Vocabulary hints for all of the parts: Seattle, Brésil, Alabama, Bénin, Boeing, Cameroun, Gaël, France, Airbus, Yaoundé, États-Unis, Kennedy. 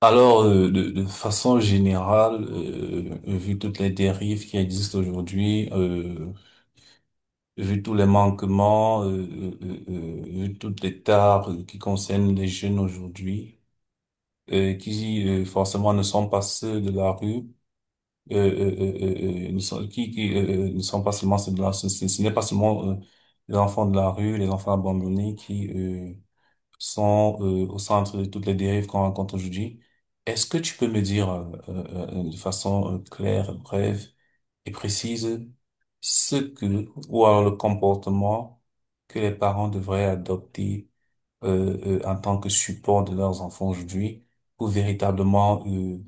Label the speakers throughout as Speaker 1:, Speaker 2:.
Speaker 1: Alors, de façon générale, vu toutes les dérives qui existent aujourd'hui, vu tous les manquements, vu toutes les tares qui concernent les jeunes aujourd'hui, qui forcément ne sont pas ceux de la rue, ne sont, qui ne sont pas seulement ceux de la rue, ce n'est pas seulement les enfants de la rue, les enfants abandonnés qui sont au centre de toutes les dérives qu'on rencontre aujourd'hui. Est-ce que tu peux me dire de façon claire, brève et précise ce que, ou alors le comportement que les parents devraient adopter en tant que support de leurs enfants aujourd'hui pour véritablement euh,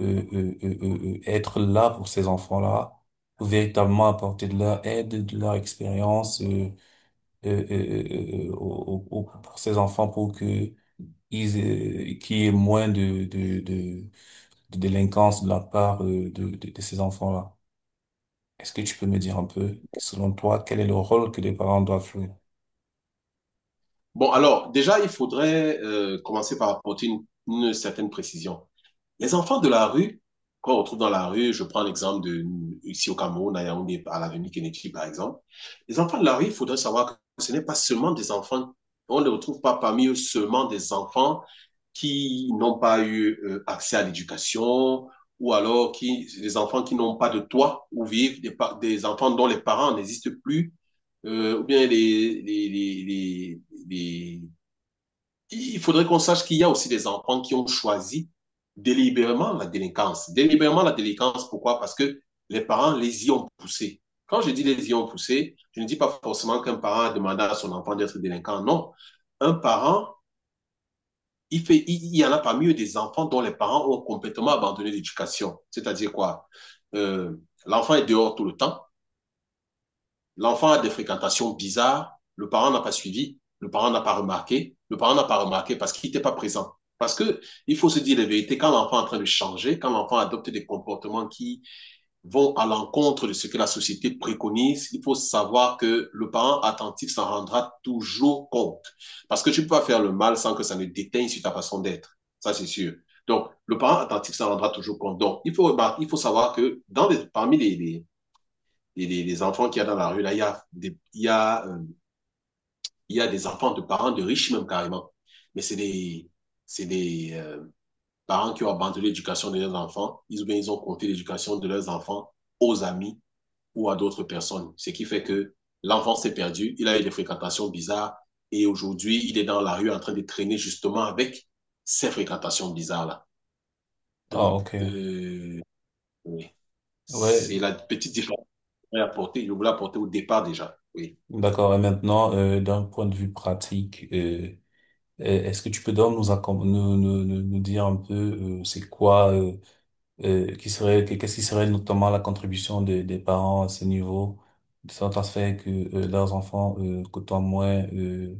Speaker 1: euh, euh, euh, euh, euh, être là pour ces enfants-là, pour véritablement apporter de leur aide, de leur expérience pour ces enfants pour que qu'ils, qu'il y ait moins de délinquance de la part de ces enfants-là. Est-ce que tu peux me dire un peu, selon toi, quel est le rôle que les parents doivent jouer?
Speaker 2: Bon, alors, déjà, il faudrait commencer par apporter une certaine précision. Les enfants de la rue, qu'on retrouve dans la rue, je prends l'exemple de ici au Cameroun, à Yaoundé, à l'avenue Kennedy, par exemple. Les enfants de la rue, il faudrait savoir que ce n'est pas seulement des enfants, on ne retrouve pas parmi eux seulement des enfants qui n'ont pas eu accès à l'éducation ou alors qui, des enfants qui n'ont pas de toit où vivre, des enfants dont les parents n'existent plus, ou bien les, il faudrait qu'on sache qu'il y a aussi des enfants qui ont choisi délibérément la délinquance. Délibérément la délinquance, pourquoi? Parce que les parents les y ont poussés. Quand je dis les y ont poussés, je ne dis pas forcément qu'un parent a demandé à son enfant d'être délinquant. Non. Un parent, il, fait, il, y en a parmi eux des enfants dont les parents ont complètement abandonné l'éducation. C'est-à-dire quoi? euh, L'enfant est dehors tout le temps. L'enfant a des fréquentations bizarres, le parent n'a pas suivi, le parent n'a pas remarqué, le parent n'a pas remarqué parce qu'il n'était pas présent. Parce que il faut se dire la vérité, quand l'enfant est en train de changer, quand l'enfant adopte des comportements qui vont à l'encontre de ce que la société préconise, il faut savoir que le parent attentif s'en rendra toujours compte. Parce que tu peux pas faire le mal sans que ça ne déteigne sur ta façon d'être. Ça, c'est sûr. Donc, le parent attentif s'en rendra toujours compte. Donc, il faut, remarquer, il faut savoir que dans les, parmi les, les enfants qu'il y a dans la rue, là, il y a des, il y a des enfants de parents de riches même carrément. Mais c'est des parents qui ont abandonné l'éducation de leurs enfants. Ils, bien, ils ont compté l'éducation de leurs enfants aux amis ou à d'autres personnes. Ce qui fait que l'enfant s'est perdu, il a eu des fréquentations bizarres et aujourd'hui, il est dans la rue en train de traîner justement avec ces fréquentations bizarres-là.
Speaker 1: Ah,
Speaker 2: Donc,
Speaker 1: ok.
Speaker 2: euh, oui,
Speaker 1: Ouais,
Speaker 2: c'est
Speaker 1: euh,
Speaker 2: la petite différence que je voulais apporter au départ déjà. Oui.
Speaker 1: d'accord. Et maintenant, d'un point de vue pratique, est-ce que tu peux donc nous, accom- nous, nous, nous nous dire un peu c'est quoi, qu'est-ce qui serait notamment la contribution des parents à ce niveau, de sorte à ce faire que leurs enfants côtoient moins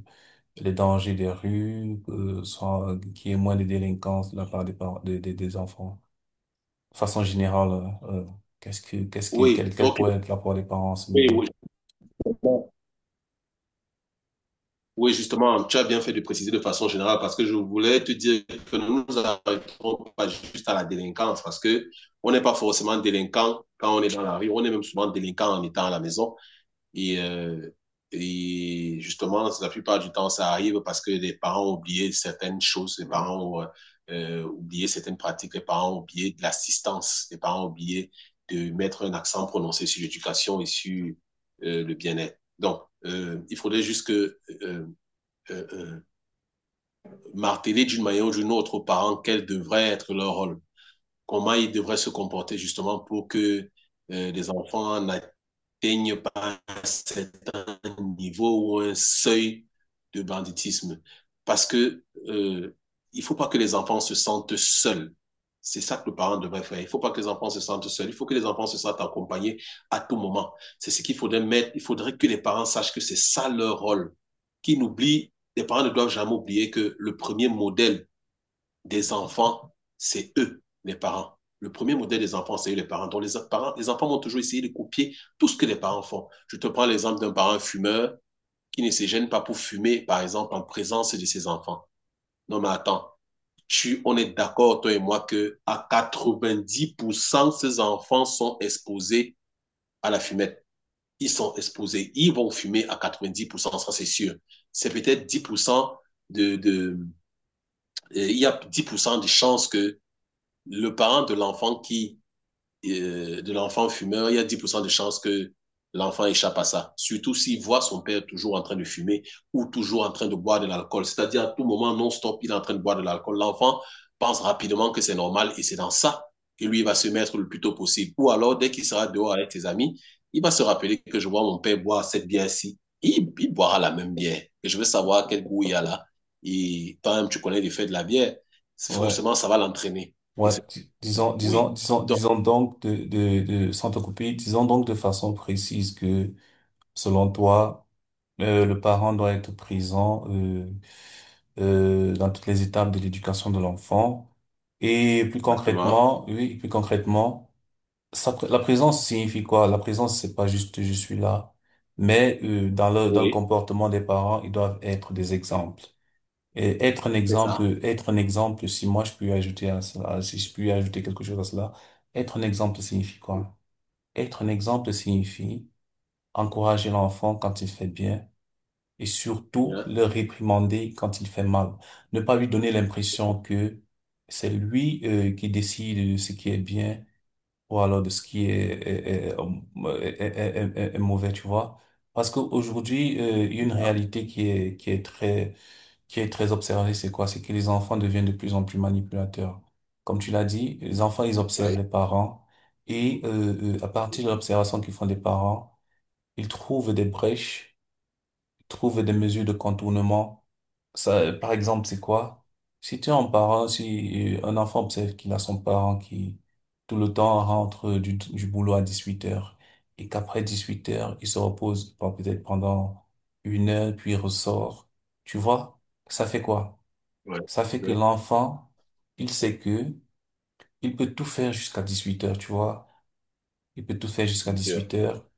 Speaker 1: les dangers des rues, soit qu'il y ait moins de délinquance de la part des parents, des enfants. De façon générale, euh, euh, qu'est-ce que,
Speaker 2: Oui,
Speaker 1: quel
Speaker 2: ok.
Speaker 1: pourrait être l'apport des parents à ce
Speaker 2: Oui,
Speaker 1: niveau?
Speaker 2: oui, justement. Oui, justement, tu as bien fait de préciser de façon générale parce que je voulais te dire que nous ne nous arrêtons pas juste à la délinquance parce que on n'est pas forcément délinquant quand on est dans la rue, on est même souvent délinquant en étant à la maison. Et, euh, et justement, la plupart du temps, ça arrive parce que les parents ont oublié certaines choses, les parents ont oublié certaines pratiques, les parents ont oublié de l'assistance, les parents ont oublié de mettre un accent prononcé sur l'éducation et sur le bien-être. Donc, il faudrait juste que euh, euh, marteler d'une manière ou d'une autre aux parents quel devrait être leur rôle, comment ils devraient se comporter justement pour que les enfants n'atteignent pas cette niveau ou un seuil de banditisme. Parce que il faut pas que les enfants se sentent seuls. C'est ça que le parent devrait faire. Il faut pas que les enfants se sentent seuls. Il faut que les enfants se sentent accompagnés à tout moment. C'est ce qu'il faudrait mettre. Il faudrait que les parents sachent que c'est ça leur rôle. Qu'ils n'oublient, les parents ne doivent jamais oublier que le premier modèle des enfants, c'est eux, les parents. Le premier modèle des enfants, c'est eux, les parents. Donc, les parents, les enfants vont toujours essayer de copier tout ce que les parents font. Je te prends l'exemple d'un parent fumeur qui ne se gêne pas pour fumer, par exemple, en présence de ses enfants. Non, mais attends, tu, on est d'accord, toi et moi, que à 90%, ces enfants sont exposés à la fumette. Ils sont exposés, ils vont fumer à 90%, ça c'est sûr. C'est peut-être 10% de, il y a 10% de chances que le parent de l'enfant qui de l'enfant fumeur, il y a 10% de chances que l'enfant échappe à ça. Surtout s'il voit son père toujours en train de fumer ou toujours en train de boire de l'alcool. C'est-à-dire, à tout moment, non-stop, il est en train de boire de l'alcool. L'enfant pense rapidement que c'est normal et c'est dans ça que lui va se mettre le plus tôt possible. Ou alors, dès qu'il sera dehors avec ses amis, il va se rappeler que je vois mon père boire cette bière-ci. Il, boira la même bière. Et je veux savoir quel goût il y a là. Et toi-même, tu connais l'effet de la bière.
Speaker 1: Ouais.
Speaker 2: Forcément, ça va l'entraîner. Et c'est oui. Donc,
Speaker 1: Disons donc sans te couper, disons donc de façon précise que, selon toi, le parent doit être présent dans toutes les étapes de l'éducation de l'enfant. Et plus
Speaker 2: exactement.
Speaker 1: concrètement, oui, plus concrètement, ça, la présence signifie quoi? La présence, c'est pas juste je suis là, mais dans le
Speaker 2: Oui,
Speaker 1: comportement des parents, ils doivent être des exemples. Et
Speaker 2: c'est ça.
Speaker 1: être un exemple, si moi je peux ajouter à cela, si je peux ajouter quelque chose à cela, être un exemple signifie quoi? Être un exemple signifie encourager l'enfant quand il fait bien et surtout
Speaker 2: Bien,
Speaker 1: le réprimander quand il fait mal. Ne pas lui donner l'impression que c'est lui qui décide de ce qui est bien ou alors de ce qui est mauvais, tu vois. Parce qu'aujourd'hui, il y a
Speaker 2: c'est
Speaker 1: une
Speaker 2: ça.
Speaker 1: réalité qui est très observée, c'est quoi? C'est que les enfants deviennent de plus en plus manipulateurs. Comme tu l'as dit, les enfants, ils observent
Speaker 2: Oui,
Speaker 1: les parents et à partir de l'observation qu'ils font des parents, ils trouvent des brèches trouver des mesures de contournement. Ça, par exemple, c'est quoi? Si tu as un parent, si un enfant observe qu'il a son parent qui tout le temps rentre du boulot à 18h et qu'après 18h, il se repose bon, peut-être pendant 1 heure, puis il ressort. Tu vois, ça fait quoi?
Speaker 2: oui,
Speaker 1: Ça fait que
Speaker 2: oui,
Speaker 1: l'enfant, il sait que il peut tout faire jusqu'à 18h, tu vois. Il peut tout faire jusqu'à
Speaker 2: bien sûr.
Speaker 1: 18h.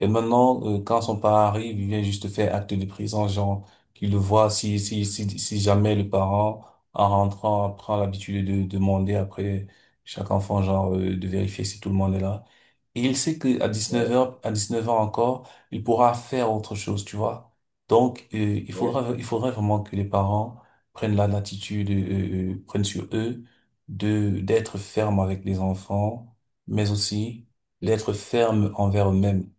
Speaker 1: Et maintenant, quand son parent arrive, il vient juste faire acte de présence, genre, qu'il le voit si, si jamais le parent, en rentrant, prend l'habitude de demander après chaque enfant, genre, de vérifier si tout le monde est là. Et il sait que à 19h
Speaker 2: Oui,
Speaker 1: heures, à 19h heures encore, il pourra faire autre chose, tu vois. Donc, il
Speaker 2: oui,
Speaker 1: faudra, il faudrait vraiment que les parents prennent la latitude, prennent sur eux de, d'être ferme avec les enfants, mais aussi
Speaker 2: c'est
Speaker 1: d'être ferme envers eux-mêmes.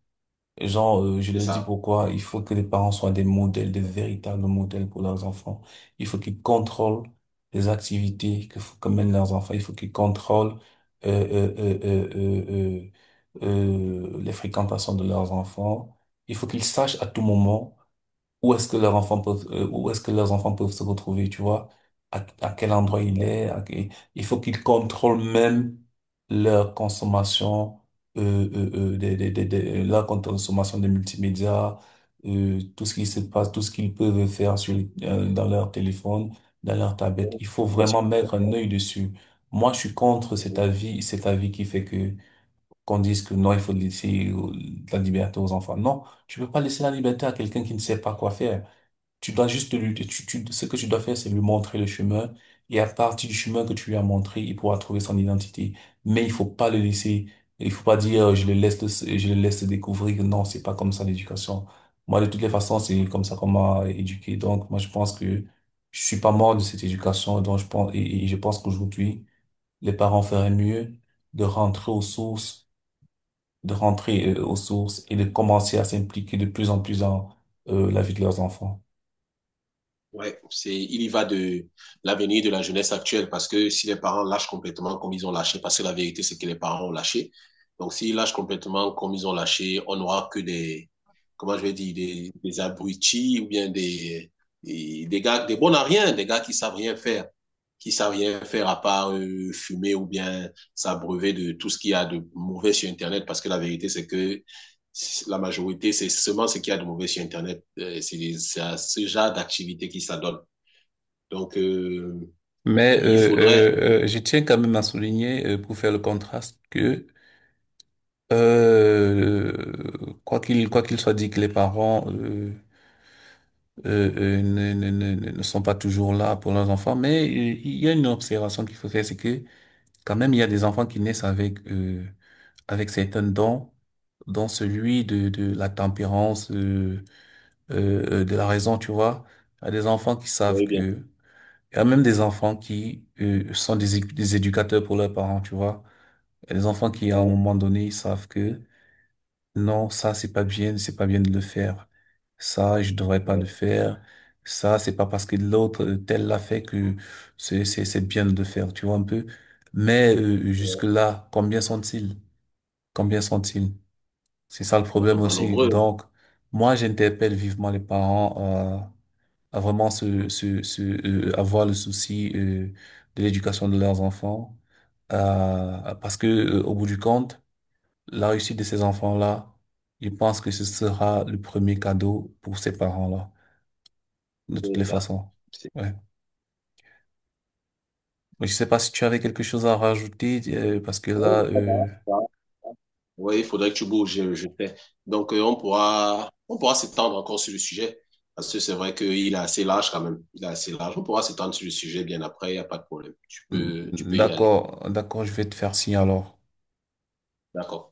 Speaker 1: Genre, je
Speaker 2: c'est
Speaker 1: le dis
Speaker 2: ça.
Speaker 1: pourquoi, il faut que les parents soient des modèles, des véritables modèles pour leurs enfants. Il faut qu'ils contrôlent les activités que mènent leurs enfants. Il faut qu'ils contrôlent euh, euh, euh, euh, les fréquentations de leurs enfants. Il faut qu'ils sachent à tout moment où est-ce que leurs enfants peuvent, où est-ce que leurs enfants peuvent se retrouver, tu vois, à quel endroit il
Speaker 2: Oui,
Speaker 1: est, à quel- il faut qu'ils contrôlent même leur consommation, leur consommation des multimédias, tout ce qui se passe, tout ce qu'ils peuvent faire sur, dans leur téléphone, dans leur tablette. Il faut
Speaker 2: l'utilisation
Speaker 1: vraiment
Speaker 2: du
Speaker 1: mettre un
Speaker 2: Internet,
Speaker 1: œil dessus. Moi, je suis contre
Speaker 2: oui.
Speaker 1: cet avis qui fait que qu'on dise que non, il faut laisser la liberté aux enfants. Non, tu peux pas laisser la liberté à quelqu'un qui ne sait pas quoi faire. Tu dois juste ce que tu dois faire, c'est lui montrer le chemin. Et à partir du chemin que tu lui as montré, il pourra trouver son identité. Mais il faut pas le laisser, il faut pas dire, je le laisse, le- je le laisse découvrir. Non, c'est pas comme ça l'éducation. Moi, de toutes les façons, c'est comme ça qu'on m'a éduqué. Donc, moi, je pense que je suis pas mort de cette éducation. Donc, je pense, et je pense qu'aujourd'hui, les parents feraient mieux de rentrer aux sources de rentrer aux sources et de commencer à s'impliquer de plus en plus dans la vie de leurs enfants.
Speaker 2: Ouais, c'est, il y va de l'avenir de la jeunesse actuelle parce que si les parents lâchent complètement comme ils ont lâché, parce que la vérité, c'est que les parents ont lâché. Donc, s'ils lâchent complètement comme ils ont lâché, on n'aura que des, comment je vais dire, des abrutis ou bien des gars, des bons à rien, des gars qui savent rien faire, qui savent rien faire à part fumer ou bien s'abreuver de tout ce qu'il y a de mauvais sur Internet, parce que la vérité, c'est que la majorité, c'est seulement ce qu'il y a de mauvais sur Internet. C'est à ce genre d'activité qui s'adonne. Donc,
Speaker 1: Mais
Speaker 2: il faudrait.
Speaker 1: je tiens quand même à souligner, pour faire le contraste, que euh, quoi qu'il soit dit que les parents ne sont pas toujours là pour leurs enfants. Mais il y a une observation qu'il faut faire, c'est que quand même, il y a des enfants qui naissent avec, avec certains dons, dont celui de la tempérance, de la raison, tu vois. Il y a des enfants qui savent
Speaker 2: Oui, bien
Speaker 1: que... Il y a même des enfants qui sont des éducateurs pour leurs parents, tu vois. Il y a des enfants qui, à un
Speaker 2: sûr.
Speaker 1: moment donné, ils savent que non, ça c'est pas bien de le faire. Ça, je devrais pas le
Speaker 2: Ouais,
Speaker 1: faire. Ça, c'est pas parce que l'autre tel l'a fait que c'est bien de le faire, tu vois un peu. Mais
Speaker 2: ouais,
Speaker 1: jusque-là, combien sont-ils? Combien sont-ils? C'est ça le problème
Speaker 2: sont pas
Speaker 1: aussi.
Speaker 2: nombreux,
Speaker 1: Donc, moi, j'interpelle vivement les parents à vraiment se se se avoir le souci de l'éducation de leurs enfants, parce que au bout du compte. La réussite de ces enfants-là, je pense que ce sera le premier cadeau pour ces parents-là, de toutes les
Speaker 2: c'est ça.
Speaker 1: façons.
Speaker 2: C'est-
Speaker 1: Ouais. Mais je sais pas si tu avais quelque chose à rajouter, parce que là,
Speaker 2: bon, ça va, ça va. Oui, il faudrait que tu bouges, je sais. Donc, on pourra s'étendre encore sur le sujet, parce que c'est vrai qu'il est assez large quand même. Il est assez large. On pourra s'étendre sur le sujet bien après, il n'y a pas de problème. Tu peux y aller.
Speaker 1: d'accord, d'accord, je vais te faire signe alors.
Speaker 2: D'accord.